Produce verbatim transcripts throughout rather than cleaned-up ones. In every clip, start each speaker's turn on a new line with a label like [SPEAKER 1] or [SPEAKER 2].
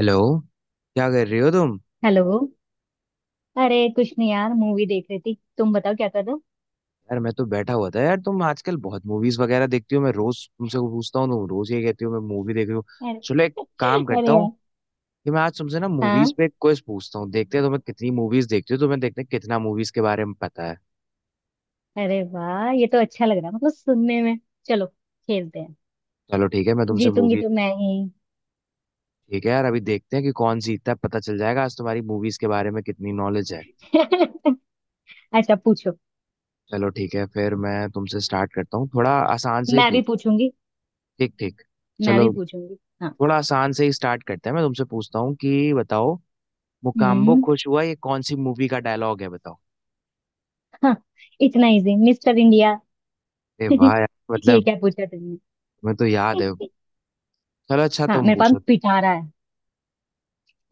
[SPEAKER 1] Hello. क्या कर रही हो तुम?
[SPEAKER 2] हेलो। अरे कुछ नहीं यार, मूवी देख रही थी। तुम बताओ क्या कर रहे हो।
[SPEAKER 1] यार मैं तो बैठा हुआ था। यार तुम आजकल बहुत मूवीज वगैरह देखती हो, मैं रोज तुमसे पूछता हूँ, तुम रोज ये कहती हो मैं मूवी देख रही हूँ।
[SPEAKER 2] अरे।
[SPEAKER 1] चलो एक काम
[SPEAKER 2] अरे
[SPEAKER 1] करता हूँ
[SPEAKER 2] यार।
[SPEAKER 1] कि मैं आज तुमसे ना मूवीज
[SPEAKER 2] हाँ।
[SPEAKER 1] पे एक क्विज पूछता हूँ, देखते हैं तुम्हें कितनी मूवीज देखती हो, तुम्हें देखते हैं कितना मूवीज के बारे में पता है।
[SPEAKER 2] अरे वाह, ये तो अच्छा लग रहा है मतलब सुनने में। चलो खेलते हैं।
[SPEAKER 1] चलो ठीक है मैं तुमसे
[SPEAKER 2] जीतूंगी
[SPEAKER 1] मूवी।
[SPEAKER 2] तो मैं ही।
[SPEAKER 1] ठीक है यार अभी देखते हैं कि कौन जीतता है, पता चल जाएगा आज तुम्हारी मूवीज के बारे में कितनी नॉलेज है।
[SPEAKER 2] अच्छा पूछो।
[SPEAKER 1] चलो ठीक है, फिर मैं तुमसे स्टार्ट करता हूँ थोड़ा आसान से ही
[SPEAKER 2] मैं भी
[SPEAKER 1] पूछ।
[SPEAKER 2] पूछूंगी।
[SPEAKER 1] ठीक ठीक,
[SPEAKER 2] मैं भी
[SPEAKER 1] चलो।
[SPEAKER 2] पूछूंगी। हाँ।
[SPEAKER 1] थोड़ा आसान से ही स्टार्ट करते हैं, मैं तुमसे पूछता हूँ कि बताओ, मुकाम्बो
[SPEAKER 2] हम्म।
[SPEAKER 1] खुश हुआ ये कौन सी मूवी का डायलॉग है बताओ।
[SPEAKER 2] हाँ। इतना इजी? Mister India.
[SPEAKER 1] अरे वाह यार
[SPEAKER 2] ये
[SPEAKER 1] मतलब,
[SPEAKER 2] क्या पूछा तुमने।
[SPEAKER 1] मैं तो याद है। चलो अच्छा
[SPEAKER 2] हाँ,
[SPEAKER 1] तुम
[SPEAKER 2] मेरे पास
[SPEAKER 1] पूछो।
[SPEAKER 2] पिटारा है।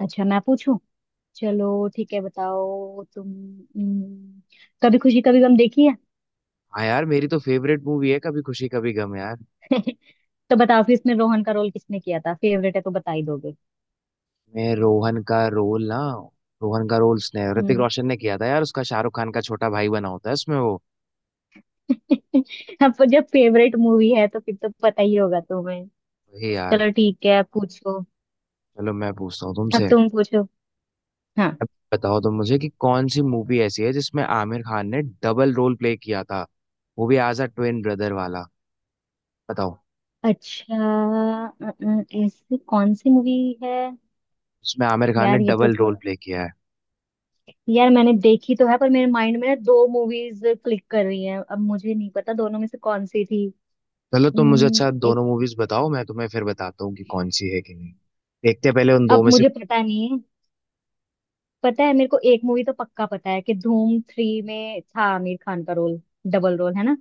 [SPEAKER 2] अच्छा मैं पूछूं। चलो ठीक है, बताओ तुम। हम्म, कभी खुशी कभी गम देखी
[SPEAKER 1] हाँ यार मेरी तो फेवरेट मूवी है कभी खुशी कभी गम यार।
[SPEAKER 2] है। तो बताओ फिर, इसमें रोहन का रोल किसने किया था? फेवरेट है तो बता ही दोगे।
[SPEAKER 1] मैं रोहन का रोल ना, रोहन का रोल उसने ऋतिक
[SPEAKER 2] हम्म।
[SPEAKER 1] रोशन ने किया था यार। उसका शाहरुख खान का छोटा भाई बना होता है उसमें वो।
[SPEAKER 2] अब जब फेवरेट मूवी है तो फिर तो पता ही होगा तुम्हें।
[SPEAKER 1] वही यार।
[SPEAKER 2] चलो ठीक है, अब पूछो।
[SPEAKER 1] चलो मैं पूछता हूँ
[SPEAKER 2] अब
[SPEAKER 1] तुमसे।
[SPEAKER 2] तुम पूछो। हाँ।
[SPEAKER 1] अब बताओ तुम मुझे कि कौन सी मूवी ऐसी है जिसमें आमिर खान ने डबल रोल प्ले किया था, वो भी एज अ ट्विन ब्रदर वाला। बताओ।
[SPEAKER 2] अच्छा, अ, अ, ऐसी कौन सी मूवी है।
[SPEAKER 1] उसमें आमिर खान ने
[SPEAKER 2] यार ये तो
[SPEAKER 1] डबल रोल
[SPEAKER 2] थोड़ा।
[SPEAKER 1] प्ले किया है।
[SPEAKER 2] यार मैंने देखी तो है, पर मेरे माइंड में ना दो मूवीज क्लिक कर रही हैं। अब मुझे नहीं पता दोनों में से कौन सी थी।
[SPEAKER 1] चलो तुम मुझे
[SPEAKER 2] हम्म,
[SPEAKER 1] अच्छा
[SPEAKER 2] एक।
[SPEAKER 1] दोनों मूवीज बताओ, मैं तुम्हें फिर बताता हूँ कि कौन सी है कि नहीं। देखते हैं पहले उन दो
[SPEAKER 2] अब
[SPEAKER 1] में से।
[SPEAKER 2] मुझे पता नहीं है। पता है, मेरे को एक मूवी तो पक्का पता है कि धूम थ्री में था आमिर खान का रोल। डबल रोल है ना।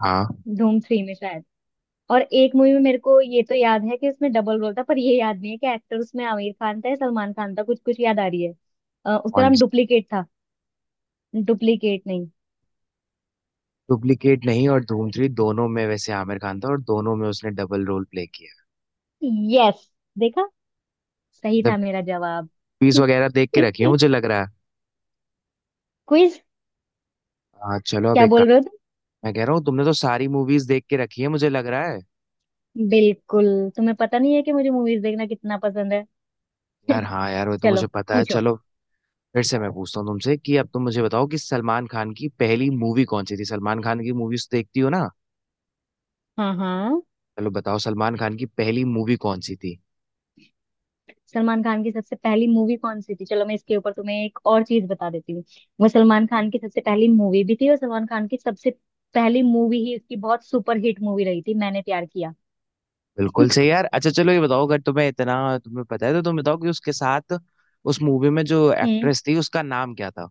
[SPEAKER 1] हाँ।
[SPEAKER 2] धूम थ्री में शायद। और एक मूवी में मेरे को ये तो याद है कि उसमें डबल रोल था, पर ये याद नहीं है कि एक्टर उसमें आमिर खान था या सलमान खान था। कुछ कुछ याद आ रही है। अ, उसका
[SPEAKER 1] कौन
[SPEAKER 2] नाम
[SPEAKER 1] सी?
[SPEAKER 2] डुप्लीकेट था। डुप्लीकेट नहीं।
[SPEAKER 1] डुप्लीकेट नहीं और धूम थ्री, दोनों में वैसे आमिर खान था और दोनों में उसने डबल रोल प्ले किया।
[SPEAKER 2] यस। देखा, सही
[SPEAKER 1] मतलब
[SPEAKER 2] था मेरा जवाब।
[SPEAKER 1] पीस वगैरह देख के रखी है
[SPEAKER 2] क्विज
[SPEAKER 1] मुझे लग रहा है। हाँ चलो अब
[SPEAKER 2] क्या
[SPEAKER 1] एक काम।
[SPEAKER 2] बोल रहे हो?
[SPEAKER 1] मैं कह रहा हूँ तुमने तो सारी मूवीज देख के रखी है मुझे लग रहा है।
[SPEAKER 2] तुम बिल्कुल। तुम्हें पता नहीं है कि मुझे मूवीज देखना कितना पसंद है।
[SPEAKER 1] यार हाँ यार वो तो
[SPEAKER 2] चलो
[SPEAKER 1] मुझे पता है।
[SPEAKER 2] पूछो।
[SPEAKER 1] चलो फिर से मैं पूछता हूँ तुमसे कि अब तुम मुझे बताओ कि सलमान खान की पहली मूवी कौन सी थी, सलमान खान की मूवीज देखती हो ना?
[SPEAKER 2] हाँ हाँ।
[SPEAKER 1] चलो बताओ सलमान खान की पहली मूवी कौन सी थी?
[SPEAKER 2] सलमान खान की सबसे पहली मूवी कौन सी थी? चलो मैं इसके ऊपर तुम्हें एक और चीज बता देती हूँ। वो सलमान खान की सबसे पहली मूवी भी थी और सलमान खान की सबसे पहली मूवी ही उसकी बहुत सुपर हिट मूवी रही थी। मैंने प्यार किया।
[SPEAKER 1] बिल्कुल सही यार। अच्छा चलो ये बताओ, अगर तुम्हें इतना तुम्हें पता है तो तुम बताओ कि उसके साथ उस मूवी में जो
[SPEAKER 2] हम्म।
[SPEAKER 1] एक्ट्रेस थी उसका नाम क्या था?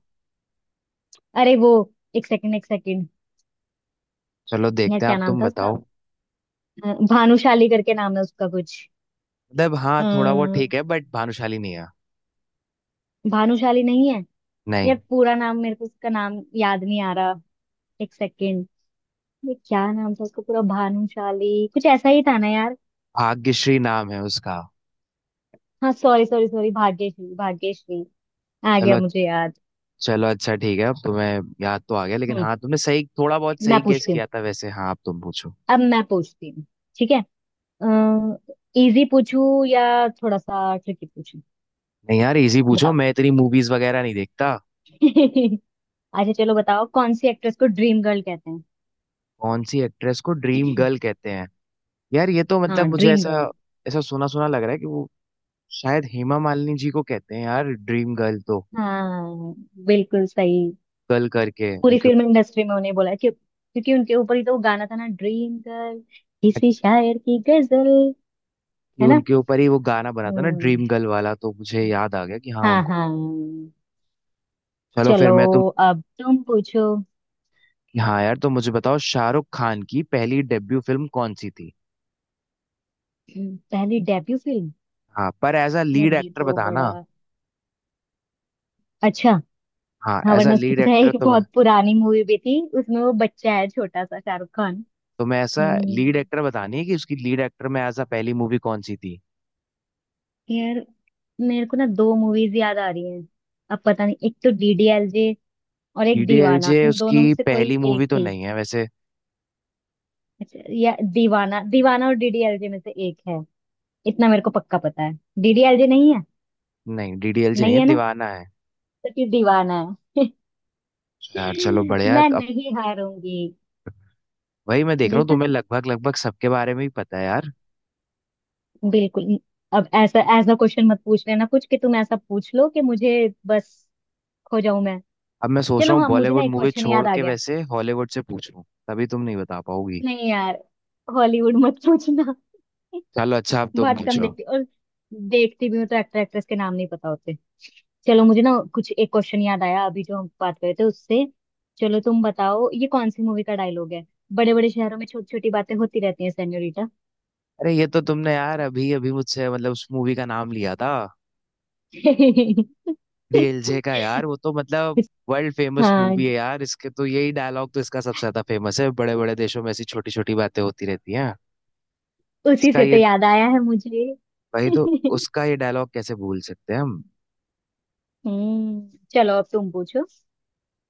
[SPEAKER 2] अरे वो, एक सेकंड एक सेकंड।
[SPEAKER 1] चलो
[SPEAKER 2] यार
[SPEAKER 1] देखते हैं,
[SPEAKER 2] क्या
[SPEAKER 1] आप
[SPEAKER 2] नाम
[SPEAKER 1] तुम
[SPEAKER 2] था उसका।
[SPEAKER 1] बताओ।
[SPEAKER 2] अ, भानुशाली करके नाम है उसका कुछ।
[SPEAKER 1] मतलब हाँ थोड़ा बहुत
[SPEAKER 2] अ,
[SPEAKER 1] ठीक है बट भानुशाली नहीं है।
[SPEAKER 2] भानुशाली नहीं है। यार
[SPEAKER 1] नहीं,
[SPEAKER 2] पूरा नाम मेरे को, उसका नाम याद नहीं आ रहा। एक सेकंड। ये क्या नाम था उसका पूरा? भानुशाली कुछ ऐसा ही था ना यार।
[SPEAKER 1] भाग्यश्री नाम है उसका।
[SPEAKER 2] हाँ sorry sorry sorry, Bhagyashree. Bhagyashree आ गया
[SPEAKER 1] चलो।
[SPEAKER 2] मुझे याद।
[SPEAKER 1] चलो अच्छा ठीक है, अब तुम्हें याद तो आ गया, लेकिन
[SPEAKER 2] हम्म।
[SPEAKER 1] हाँ तुमने सही, थोड़ा बहुत
[SPEAKER 2] मैं
[SPEAKER 1] सही गेस
[SPEAKER 2] पूछती हूँ।
[SPEAKER 1] किया था वैसे। हाँ अब तुम पूछो।
[SPEAKER 2] अब मैं पूछती हूँ। ठीक है। इजी पूछू या थोड़ा सा ट्रिकी पूछू?
[SPEAKER 1] नहीं यार इजी पूछो,
[SPEAKER 2] बताओ।
[SPEAKER 1] मैं इतनी मूवीज वगैरह नहीं देखता।
[SPEAKER 2] अच्छा, चलो बताओ कौन सी एक्ट्रेस को ड्रीम गर्ल कहते
[SPEAKER 1] कौन सी एक्ट्रेस को ड्रीम
[SPEAKER 2] हैं?
[SPEAKER 1] गर्ल कहते हैं? यार ये तो
[SPEAKER 2] हाँ
[SPEAKER 1] मतलब मुझे
[SPEAKER 2] ड्रीम
[SPEAKER 1] ऐसा
[SPEAKER 2] गर्ल।
[SPEAKER 1] ऐसा सुना सुना लग रहा है कि वो शायद हेमा मालिनी जी को कहते हैं यार ड्रीम गर्ल तो।
[SPEAKER 2] हाँ बिल्कुल सही।
[SPEAKER 1] गर्ल करके
[SPEAKER 2] पूरी
[SPEAKER 1] उनके।
[SPEAKER 2] फिल्म इंडस्ट्री में उन्हें बोला है, क्यों, क्योंकि उनके ऊपर ही तो वो गाना था ना ड्रीम गर्ल, किसी शायर की गजल।
[SPEAKER 1] कि
[SPEAKER 2] है ना।
[SPEAKER 1] उनके ऊपर ही वो गाना बना था ना
[SPEAKER 2] हम्म,
[SPEAKER 1] ड्रीम गर्ल वाला, तो मुझे याद आ गया कि हाँ
[SPEAKER 2] हाँ
[SPEAKER 1] उनको।
[SPEAKER 2] हाँ।
[SPEAKER 1] चलो फिर
[SPEAKER 2] चलो
[SPEAKER 1] मैं तुम।
[SPEAKER 2] अब तुम पूछो।
[SPEAKER 1] हाँ यार तो मुझे बताओ शाहरुख खान की पहली डेब्यू फिल्म कौन सी थी?
[SPEAKER 2] हम्म, पहली डेब्यू फिल्म।
[SPEAKER 1] हाँ पर एज अ
[SPEAKER 2] यार
[SPEAKER 1] लीड
[SPEAKER 2] ये
[SPEAKER 1] एक्टर
[SPEAKER 2] तो बड़ा।
[SPEAKER 1] बताना।
[SPEAKER 2] अच्छा।
[SPEAKER 1] हाँ
[SPEAKER 2] हाँ
[SPEAKER 1] एज अ
[SPEAKER 2] वरना उसकी,
[SPEAKER 1] लीड
[SPEAKER 2] पता है,
[SPEAKER 1] एक्टर
[SPEAKER 2] एक
[SPEAKER 1] तो मैं।
[SPEAKER 2] बहुत पुरानी मूवी भी थी, उसमें वो बच्चा है छोटा सा शाहरुख खान।
[SPEAKER 1] तो मैं ऐसा लीड
[SPEAKER 2] हम्म,
[SPEAKER 1] एक्टर बतानी है कि उसकी लीड एक्टर में एज अ पहली मूवी कौन सी थी।
[SPEAKER 2] यार मेरे को ना दो मूवीज याद आ रही हैं। अब पता नहीं, एक तो डीडीएलजे और एक दीवाना,
[SPEAKER 1] डीडीएलजे
[SPEAKER 2] इन दोनों में
[SPEAKER 1] उसकी
[SPEAKER 2] से कोई
[SPEAKER 1] पहली
[SPEAKER 2] एक
[SPEAKER 1] मूवी तो
[SPEAKER 2] थी।
[SPEAKER 1] नहीं है वैसे।
[SPEAKER 2] अच्छा, या दीवाना। दीवाना और डीडीएलजे में से एक है, इतना मेरे को पक्का पता है। डीडीएलजे नहीं है?
[SPEAKER 1] नहीं डीडीएलजे नहीं
[SPEAKER 2] नहीं
[SPEAKER 1] है,
[SPEAKER 2] है ना?
[SPEAKER 1] दीवाना है।
[SPEAKER 2] तो फिर दीवाना है।
[SPEAKER 1] यार चलो बढ़िया
[SPEAKER 2] मैं
[SPEAKER 1] अब।
[SPEAKER 2] नहीं हारूंगी।
[SPEAKER 1] वही मैं देख रहा हूँ
[SPEAKER 2] देखा,
[SPEAKER 1] तुम्हें लगभग लगभग सबके बारे में ही पता है यार।
[SPEAKER 2] बिल्कुल। अब ऐसा ऐसा क्वेश्चन मत पूछ लेना कुछ, कि तुम ऐसा पूछ लो कि मुझे, बस, खो जाऊं मैं।
[SPEAKER 1] अब मैं सोच रहा
[SPEAKER 2] चलो
[SPEAKER 1] हूँ
[SPEAKER 2] हाँ, मुझे ना
[SPEAKER 1] बॉलीवुड
[SPEAKER 2] एक
[SPEAKER 1] मूवी
[SPEAKER 2] क्वेश्चन
[SPEAKER 1] छोड़
[SPEAKER 2] याद आ
[SPEAKER 1] के
[SPEAKER 2] गया।
[SPEAKER 1] वैसे हॉलीवुड से पूछूं तभी तुम नहीं बता पाओगी।
[SPEAKER 2] नहीं यार, हॉलीवुड मत पूछना।
[SPEAKER 1] चलो अच्छा अब तुम
[SPEAKER 2] बहुत कम
[SPEAKER 1] पूछो।
[SPEAKER 2] देखती, और देखती भी हूँ तो एक्टर एक्ट्रेस के नाम नहीं पता होते। चलो, मुझे ना कुछ एक क्वेश्चन याद आया अभी, जो हम बात कर रहे थे उससे। चलो तुम बताओ, ये कौन सी मूवी का डायलॉग है? बड़े बड़े शहरों में छोटी छोटी बातें होती रहती हैं, सेन्योरिटा।
[SPEAKER 1] अरे ये तो तुमने यार अभी अभी मुझसे मतलब उस मूवी का नाम लिया था, डीएलजे का यार। वो तो मतलब वर्ल्ड फेमस
[SPEAKER 2] हाँ
[SPEAKER 1] मूवी है यार इसके तो, यही डायलॉग तो इसका सबसे ज्यादा फेमस है, बड़े बड़े देशों में ऐसी छोटी छोटी बातें होती रहती हैं।
[SPEAKER 2] उसी
[SPEAKER 1] इसका
[SPEAKER 2] से तो
[SPEAKER 1] ये।
[SPEAKER 2] याद आया है मुझे।
[SPEAKER 1] वही तो। उसका ये डायलॉग कैसे भूल सकते हैं हम।
[SPEAKER 2] हम्म। चलो अब तुम पूछो।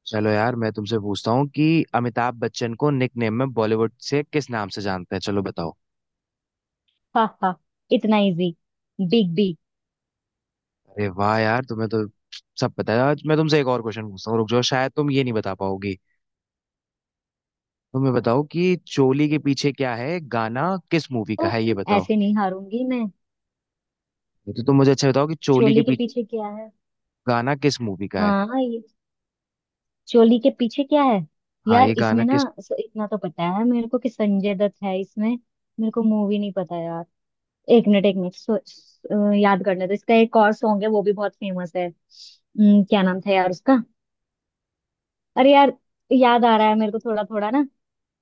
[SPEAKER 1] चलो यार मैं तुमसे पूछता हूँ कि अमिताभ बच्चन को निक नेम में बॉलीवुड से किस नाम से जानते हैं? चलो बताओ।
[SPEAKER 2] हा हा, इतना इजी। Big B.
[SPEAKER 1] अरे वाह यार तुम्हें तो सब पता है। आज मैं तुमसे एक और क्वेश्चन पूछता हूँ रुक जाओ, शायद तुम ये नहीं बता पाओगी। तुम्हें बताओ कि चोली के पीछे क्या है गाना किस मूवी का
[SPEAKER 2] तो
[SPEAKER 1] है, ये बताओ।
[SPEAKER 2] ऐसे नहीं हारूंगी मैं।
[SPEAKER 1] ये तो तुम मुझे अच्छा बताओ कि चोली के
[SPEAKER 2] चोली के
[SPEAKER 1] पीछे
[SPEAKER 2] पीछे क्या है।
[SPEAKER 1] गाना किस मूवी का है।
[SPEAKER 2] हाँ ये, चोली के पीछे क्या है।
[SPEAKER 1] हाँ
[SPEAKER 2] यार
[SPEAKER 1] ये गाना
[SPEAKER 2] इसमें ना
[SPEAKER 1] किस।
[SPEAKER 2] स-, इतना तो पता है मेरे को कि संजय दत्त है इसमें। मेरे को मूवी नहीं पता यार। एक मिनट एक मिनट। सो, सो, याद करने, तो इसका एक और सॉन्ग है, वो भी बहुत फेमस है। हम्म, क्या नाम था यार उसका। अरे यार, याद आ रहा है मेरे को थोड़ा थोड़ा ना।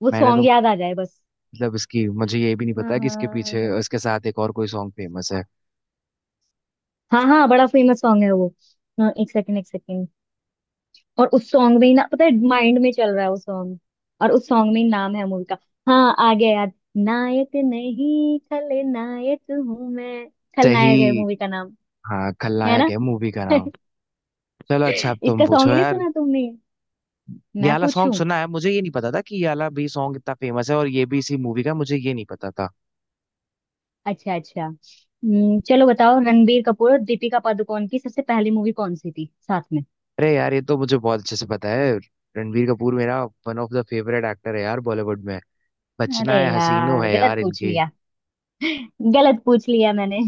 [SPEAKER 2] वो
[SPEAKER 1] मैंने
[SPEAKER 2] सॉन्ग
[SPEAKER 1] तो
[SPEAKER 2] याद आ जाए बस।
[SPEAKER 1] मतलब इसकी मुझे ये भी नहीं
[SPEAKER 2] हाँ
[SPEAKER 1] पता कि इसके पीछे
[SPEAKER 2] हाँ।
[SPEAKER 1] इसके साथ एक और कोई सॉन्ग फेमस है।
[SPEAKER 2] हाँ हाँ, बड़ा फेमस सॉन्ग है वो। हाँ, एक सेकंड एक सेकंड। और उस सॉन्ग में ही ना, पता है, माइंड में चल रहा है वो सॉन्ग। और उस सॉन्ग में ही नाम है मूवी का। हाँ आ गया याद। नायक नहीं खलनायक हूँ मैं। खलनायक है
[SPEAKER 1] सही।
[SPEAKER 2] मूवी का नाम।
[SPEAKER 1] हाँ
[SPEAKER 2] है
[SPEAKER 1] खलनायक
[SPEAKER 2] ना।
[SPEAKER 1] है मूवी का नाम। चलो अच्छा अब तुम
[SPEAKER 2] इसका
[SPEAKER 1] पूछो
[SPEAKER 2] सॉन्ग नहीं
[SPEAKER 1] यार।
[SPEAKER 2] सुना तुमने?
[SPEAKER 1] ये
[SPEAKER 2] मैं
[SPEAKER 1] वाला सॉन्ग
[SPEAKER 2] पूछूं।
[SPEAKER 1] सुना है, मुझे ये नहीं पता था कि ये वाला भी सॉन्ग इतना फेमस है और ये भी इसी मूवी का, मुझे ये नहीं पता था।
[SPEAKER 2] अच्छा अच्छा। हम्म, चलो बताओ, रणबीर कपूर और दीपिका पादुकोण की सबसे पहली मूवी कौन सी थी साथ में?
[SPEAKER 1] अरे यार ये तो मुझे बहुत अच्छे से पता है। रणबीर कपूर मेरा one of the favourite actor है यार बॉलीवुड में।
[SPEAKER 2] अरे
[SPEAKER 1] बचना है हसीनो
[SPEAKER 2] यार
[SPEAKER 1] है
[SPEAKER 2] गलत
[SPEAKER 1] यार
[SPEAKER 2] पूछ
[SPEAKER 1] इनकी।
[SPEAKER 2] लिया। गलत पूछ लिया मैंने।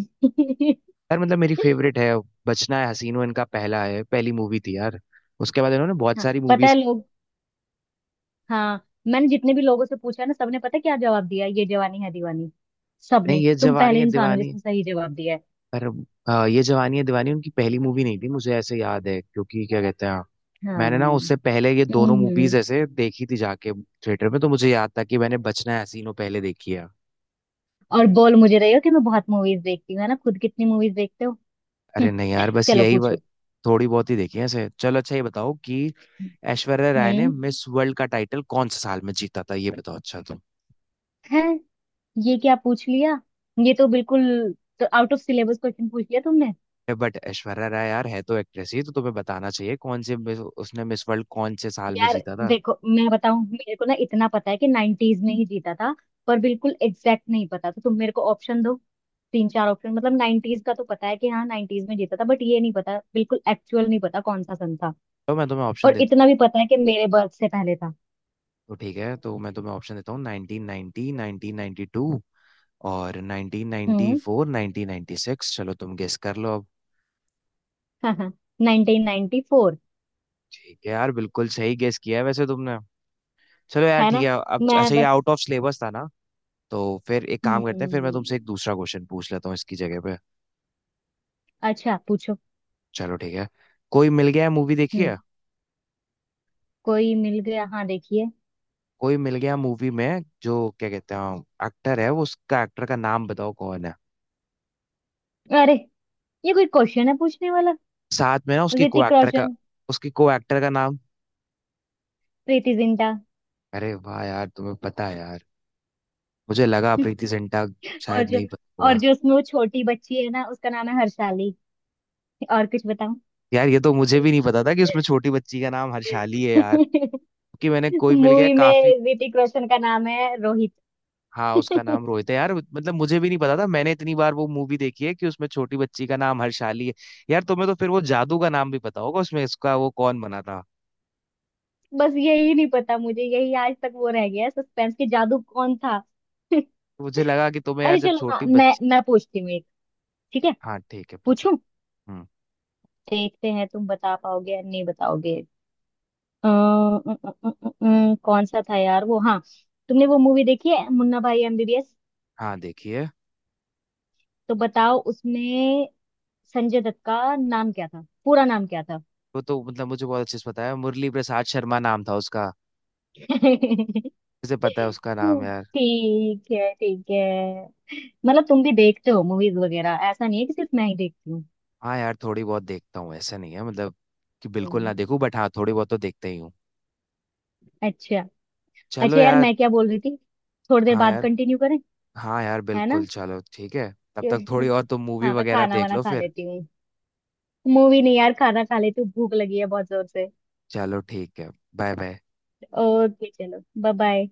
[SPEAKER 1] यार मतलब मेरी फेवरेट है। बचना है हसीनो इनका पहला है, पहली मूवी थी यार। उसके बाद इन्होंने बहुत
[SPEAKER 2] हाँ
[SPEAKER 1] सारी
[SPEAKER 2] पता
[SPEAKER 1] मूवीज।
[SPEAKER 2] है लोग। हाँ मैंने जितने भी लोगों से पूछा ना, सबने पता है क्या जवाब दिया, ये जवानी है दीवानी।
[SPEAKER 1] नहीं
[SPEAKER 2] सबने।
[SPEAKER 1] ये
[SPEAKER 2] तुम
[SPEAKER 1] जवानी
[SPEAKER 2] पहले
[SPEAKER 1] है
[SPEAKER 2] इंसान हो
[SPEAKER 1] दीवानी,
[SPEAKER 2] जिसने सही जवाब दिया है।
[SPEAKER 1] पर अ, ये जवानी है दीवानी उनकी पहली मूवी नहीं थी, मुझे ऐसे याद है क्योंकि क्या कहते हैं
[SPEAKER 2] हाँ।
[SPEAKER 1] मैंने ना उससे पहले ये दोनों
[SPEAKER 2] हम्म। हम्म।
[SPEAKER 1] मूवीज ऐसे देखी थी जाके थिएटर में, तो मुझे याद था कि मैंने बचना है हसीनो पहले देखी है।
[SPEAKER 2] और बोल मुझे रही हो कि मैं बहुत मूवीज देखती हूँ। है ना, खुद कितनी मूवीज देखते हो।
[SPEAKER 1] अरे नहीं यार बस
[SPEAKER 2] चलो
[SPEAKER 1] यही व-
[SPEAKER 2] पूछो।
[SPEAKER 1] थोड़ी बहुत ही देखी है ऐसे। चलो अच्छा ये बताओ कि ऐश्वर्या राय ने
[SPEAKER 2] हम्म,
[SPEAKER 1] मिस वर्ल्ड का टाइटल कौन से साल में जीता था, ये बताओ। अच्छा तुम,
[SPEAKER 2] है। ये क्या पूछ लिया? ये तो बिल्कुल, तो आउट ऑफ सिलेबस क्वेश्चन पूछ लिया तुमने।
[SPEAKER 1] बट ऐश्वर्या राय यार है तो एक्ट्रेस ही तो तुम्हें बताना चाहिए, कौन से मिस- उसने मिस वर्ल्ड कौन से साल में
[SPEAKER 2] यार
[SPEAKER 1] जीता था।
[SPEAKER 2] देखो मैं बताऊं, मेरे को ना इतना पता है कि नाइनटीज में ही जीता था, पर बिल्कुल एग्जैक्ट नहीं पता, तो तुम मेरे को ऑप्शन दो, तीन चार ऑप्शन। मतलब नाइनटीज का तो पता है कि हाँ नाइनटीज में जीता था, बट ये नहीं पता बिल्कुल, एक्चुअल नहीं पता कौन सा सन था।
[SPEAKER 1] तो मैं तुम्हें ऑप्शन
[SPEAKER 2] और
[SPEAKER 1] देता,
[SPEAKER 2] इतना भी पता है कि मेरे बर्थ से पहले था।
[SPEAKER 1] तो ठीक है तो मैं तुम्हें ऑप्शन देता हूँ nineteen ninety nineteen ninety two और
[SPEAKER 2] हम्म।
[SPEAKER 1] Nineteen ninety four nineteen ninety six, चलो तुम गेस कर लो अब।
[SPEAKER 2] हाँ हाँ, नाइनटीन नाइनटी फोर।
[SPEAKER 1] ठीक है यार बिल्कुल सही गेस किया है वैसे तुमने। चलो यार
[SPEAKER 2] है
[SPEAKER 1] ठीक
[SPEAKER 2] ना,
[SPEAKER 1] है अब,
[SPEAKER 2] मैं
[SPEAKER 1] अच्छा ये
[SPEAKER 2] बस।
[SPEAKER 1] आउट ऑफ सिलेबस था ना, तो फिर एक काम करते हैं फिर मैं
[SPEAKER 2] हम्म,
[SPEAKER 1] तुमसे एक दूसरा क्वेश्चन पूछ लेता हूँ इसकी जगह पे।
[SPEAKER 2] अच्छा पूछो।
[SPEAKER 1] चलो ठीक है। कोई मिल गया मूवी देखी
[SPEAKER 2] हम्म।
[SPEAKER 1] है?
[SPEAKER 2] कोई मिल गया, हाँ देखिए।
[SPEAKER 1] कोई मिल गया मूवी में जो क्या कहते हैं एक्टर है वो, उसका एक्टर का नाम बताओ कौन है?
[SPEAKER 2] अरे, ये कोई क्वेश्चन है पूछने वाला।
[SPEAKER 1] साथ में ना उसकी को
[SPEAKER 2] ऋतिक
[SPEAKER 1] एक्टर का,
[SPEAKER 2] रोशन।
[SPEAKER 1] उसकी को एक्टर का नाम।
[SPEAKER 2] प्रीति जिंटा।
[SPEAKER 1] अरे वाह यार तुम्हें पता है यार, मुझे लगा प्रीति जिंटा
[SPEAKER 2] और
[SPEAKER 1] शायद
[SPEAKER 2] जो,
[SPEAKER 1] नहीं पता
[SPEAKER 2] और
[SPEAKER 1] होगा।
[SPEAKER 2] जो उसमें वो छोटी बच्ची है ना, उसका नाम है हर्षाली। और कुछ बताऊं?
[SPEAKER 1] यार ये तो मुझे भी नहीं पता था कि उसमें छोटी बच्ची का नाम हर्षाली है यार, कि मैंने कोई मिल गया
[SPEAKER 2] मूवी
[SPEAKER 1] काफी।
[SPEAKER 2] में ऋतिक रोशन का नाम है
[SPEAKER 1] हाँ उसका
[SPEAKER 2] रोहित।
[SPEAKER 1] नाम रोहित है यार, मतलब मुझे भी नहीं पता था, मैंने इतनी बार वो मूवी देखी है कि उसमें छोटी बच्ची का नाम हर्षाली है। यार तुम्हें तो फिर वो जादू का नाम भी पता होगा उसमें, इसका वो कौन बना था?
[SPEAKER 2] बस यही नहीं पता मुझे, यही आज तक वो रह गया सस्पेंस के जादू कौन था।
[SPEAKER 1] मुझे लगा कि तुम्हें यार
[SPEAKER 2] अरे
[SPEAKER 1] जब
[SPEAKER 2] चलो हाँ,
[SPEAKER 1] छोटी
[SPEAKER 2] मैं
[SPEAKER 1] बच्ची।
[SPEAKER 2] मैं पूछती हूँ एक। ठीक है।
[SPEAKER 1] हाँ ठीक है पूछो।
[SPEAKER 2] पूछूं।
[SPEAKER 1] हम्म।
[SPEAKER 2] देखते हैं तुम बता पाओगे या नहीं बताओगे। अ, अ, अ, अ, अ, अ, कौन सा था यार वो, हाँ। तुमने वो मूवी देखी है मुन्ना भाई एमबीबीएस?
[SPEAKER 1] हाँ देखिए।
[SPEAKER 2] तो बताओ, उसमें संजय दत्त का नाम क्या था? पूरा नाम क्या था।
[SPEAKER 1] वो तो मतलब मुझे बहुत अच्छे से पता है, मुरली प्रसाद शर्मा नाम था उसका। किसे पता है उसका नाम यार।
[SPEAKER 2] ठीक है ठीक है। मतलब तुम भी देखते हो मूवीज वगैरह, ऐसा नहीं है कि सिर्फ मैं ही देखती हूँ।
[SPEAKER 1] हाँ यार थोड़ी बहुत देखता हूँ, ऐसा नहीं है मतलब कि बिल्कुल
[SPEAKER 2] हम्म,
[SPEAKER 1] ना देखूं बट हाँ थोड़ी बहुत तो देखते ही हूँ।
[SPEAKER 2] अच्छा
[SPEAKER 1] चलो
[SPEAKER 2] अच्छा। यार
[SPEAKER 1] यार।
[SPEAKER 2] मैं क्या बोल रही थी, थोड़ी देर
[SPEAKER 1] हाँ
[SPEAKER 2] बाद
[SPEAKER 1] यार।
[SPEAKER 2] कंटिन्यू करें?
[SPEAKER 1] हाँ यार
[SPEAKER 2] है
[SPEAKER 1] बिल्कुल
[SPEAKER 2] ना।
[SPEAKER 1] चलो ठीक है। तब तक थोड़ी
[SPEAKER 2] कि-,
[SPEAKER 1] और तुम मूवी
[SPEAKER 2] हाँ मैं
[SPEAKER 1] वगैरह
[SPEAKER 2] खाना
[SPEAKER 1] देख
[SPEAKER 2] वाना
[SPEAKER 1] लो
[SPEAKER 2] खा
[SPEAKER 1] फिर।
[SPEAKER 2] लेती हूँ। मूवी नहीं यार, खाना खा लेती हूँ, भूख लगी है बहुत जोर से।
[SPEAKER 1] चलो ठीक है। Bye bye.
[SPEAKER 2] ओके चलो, बाय बाय।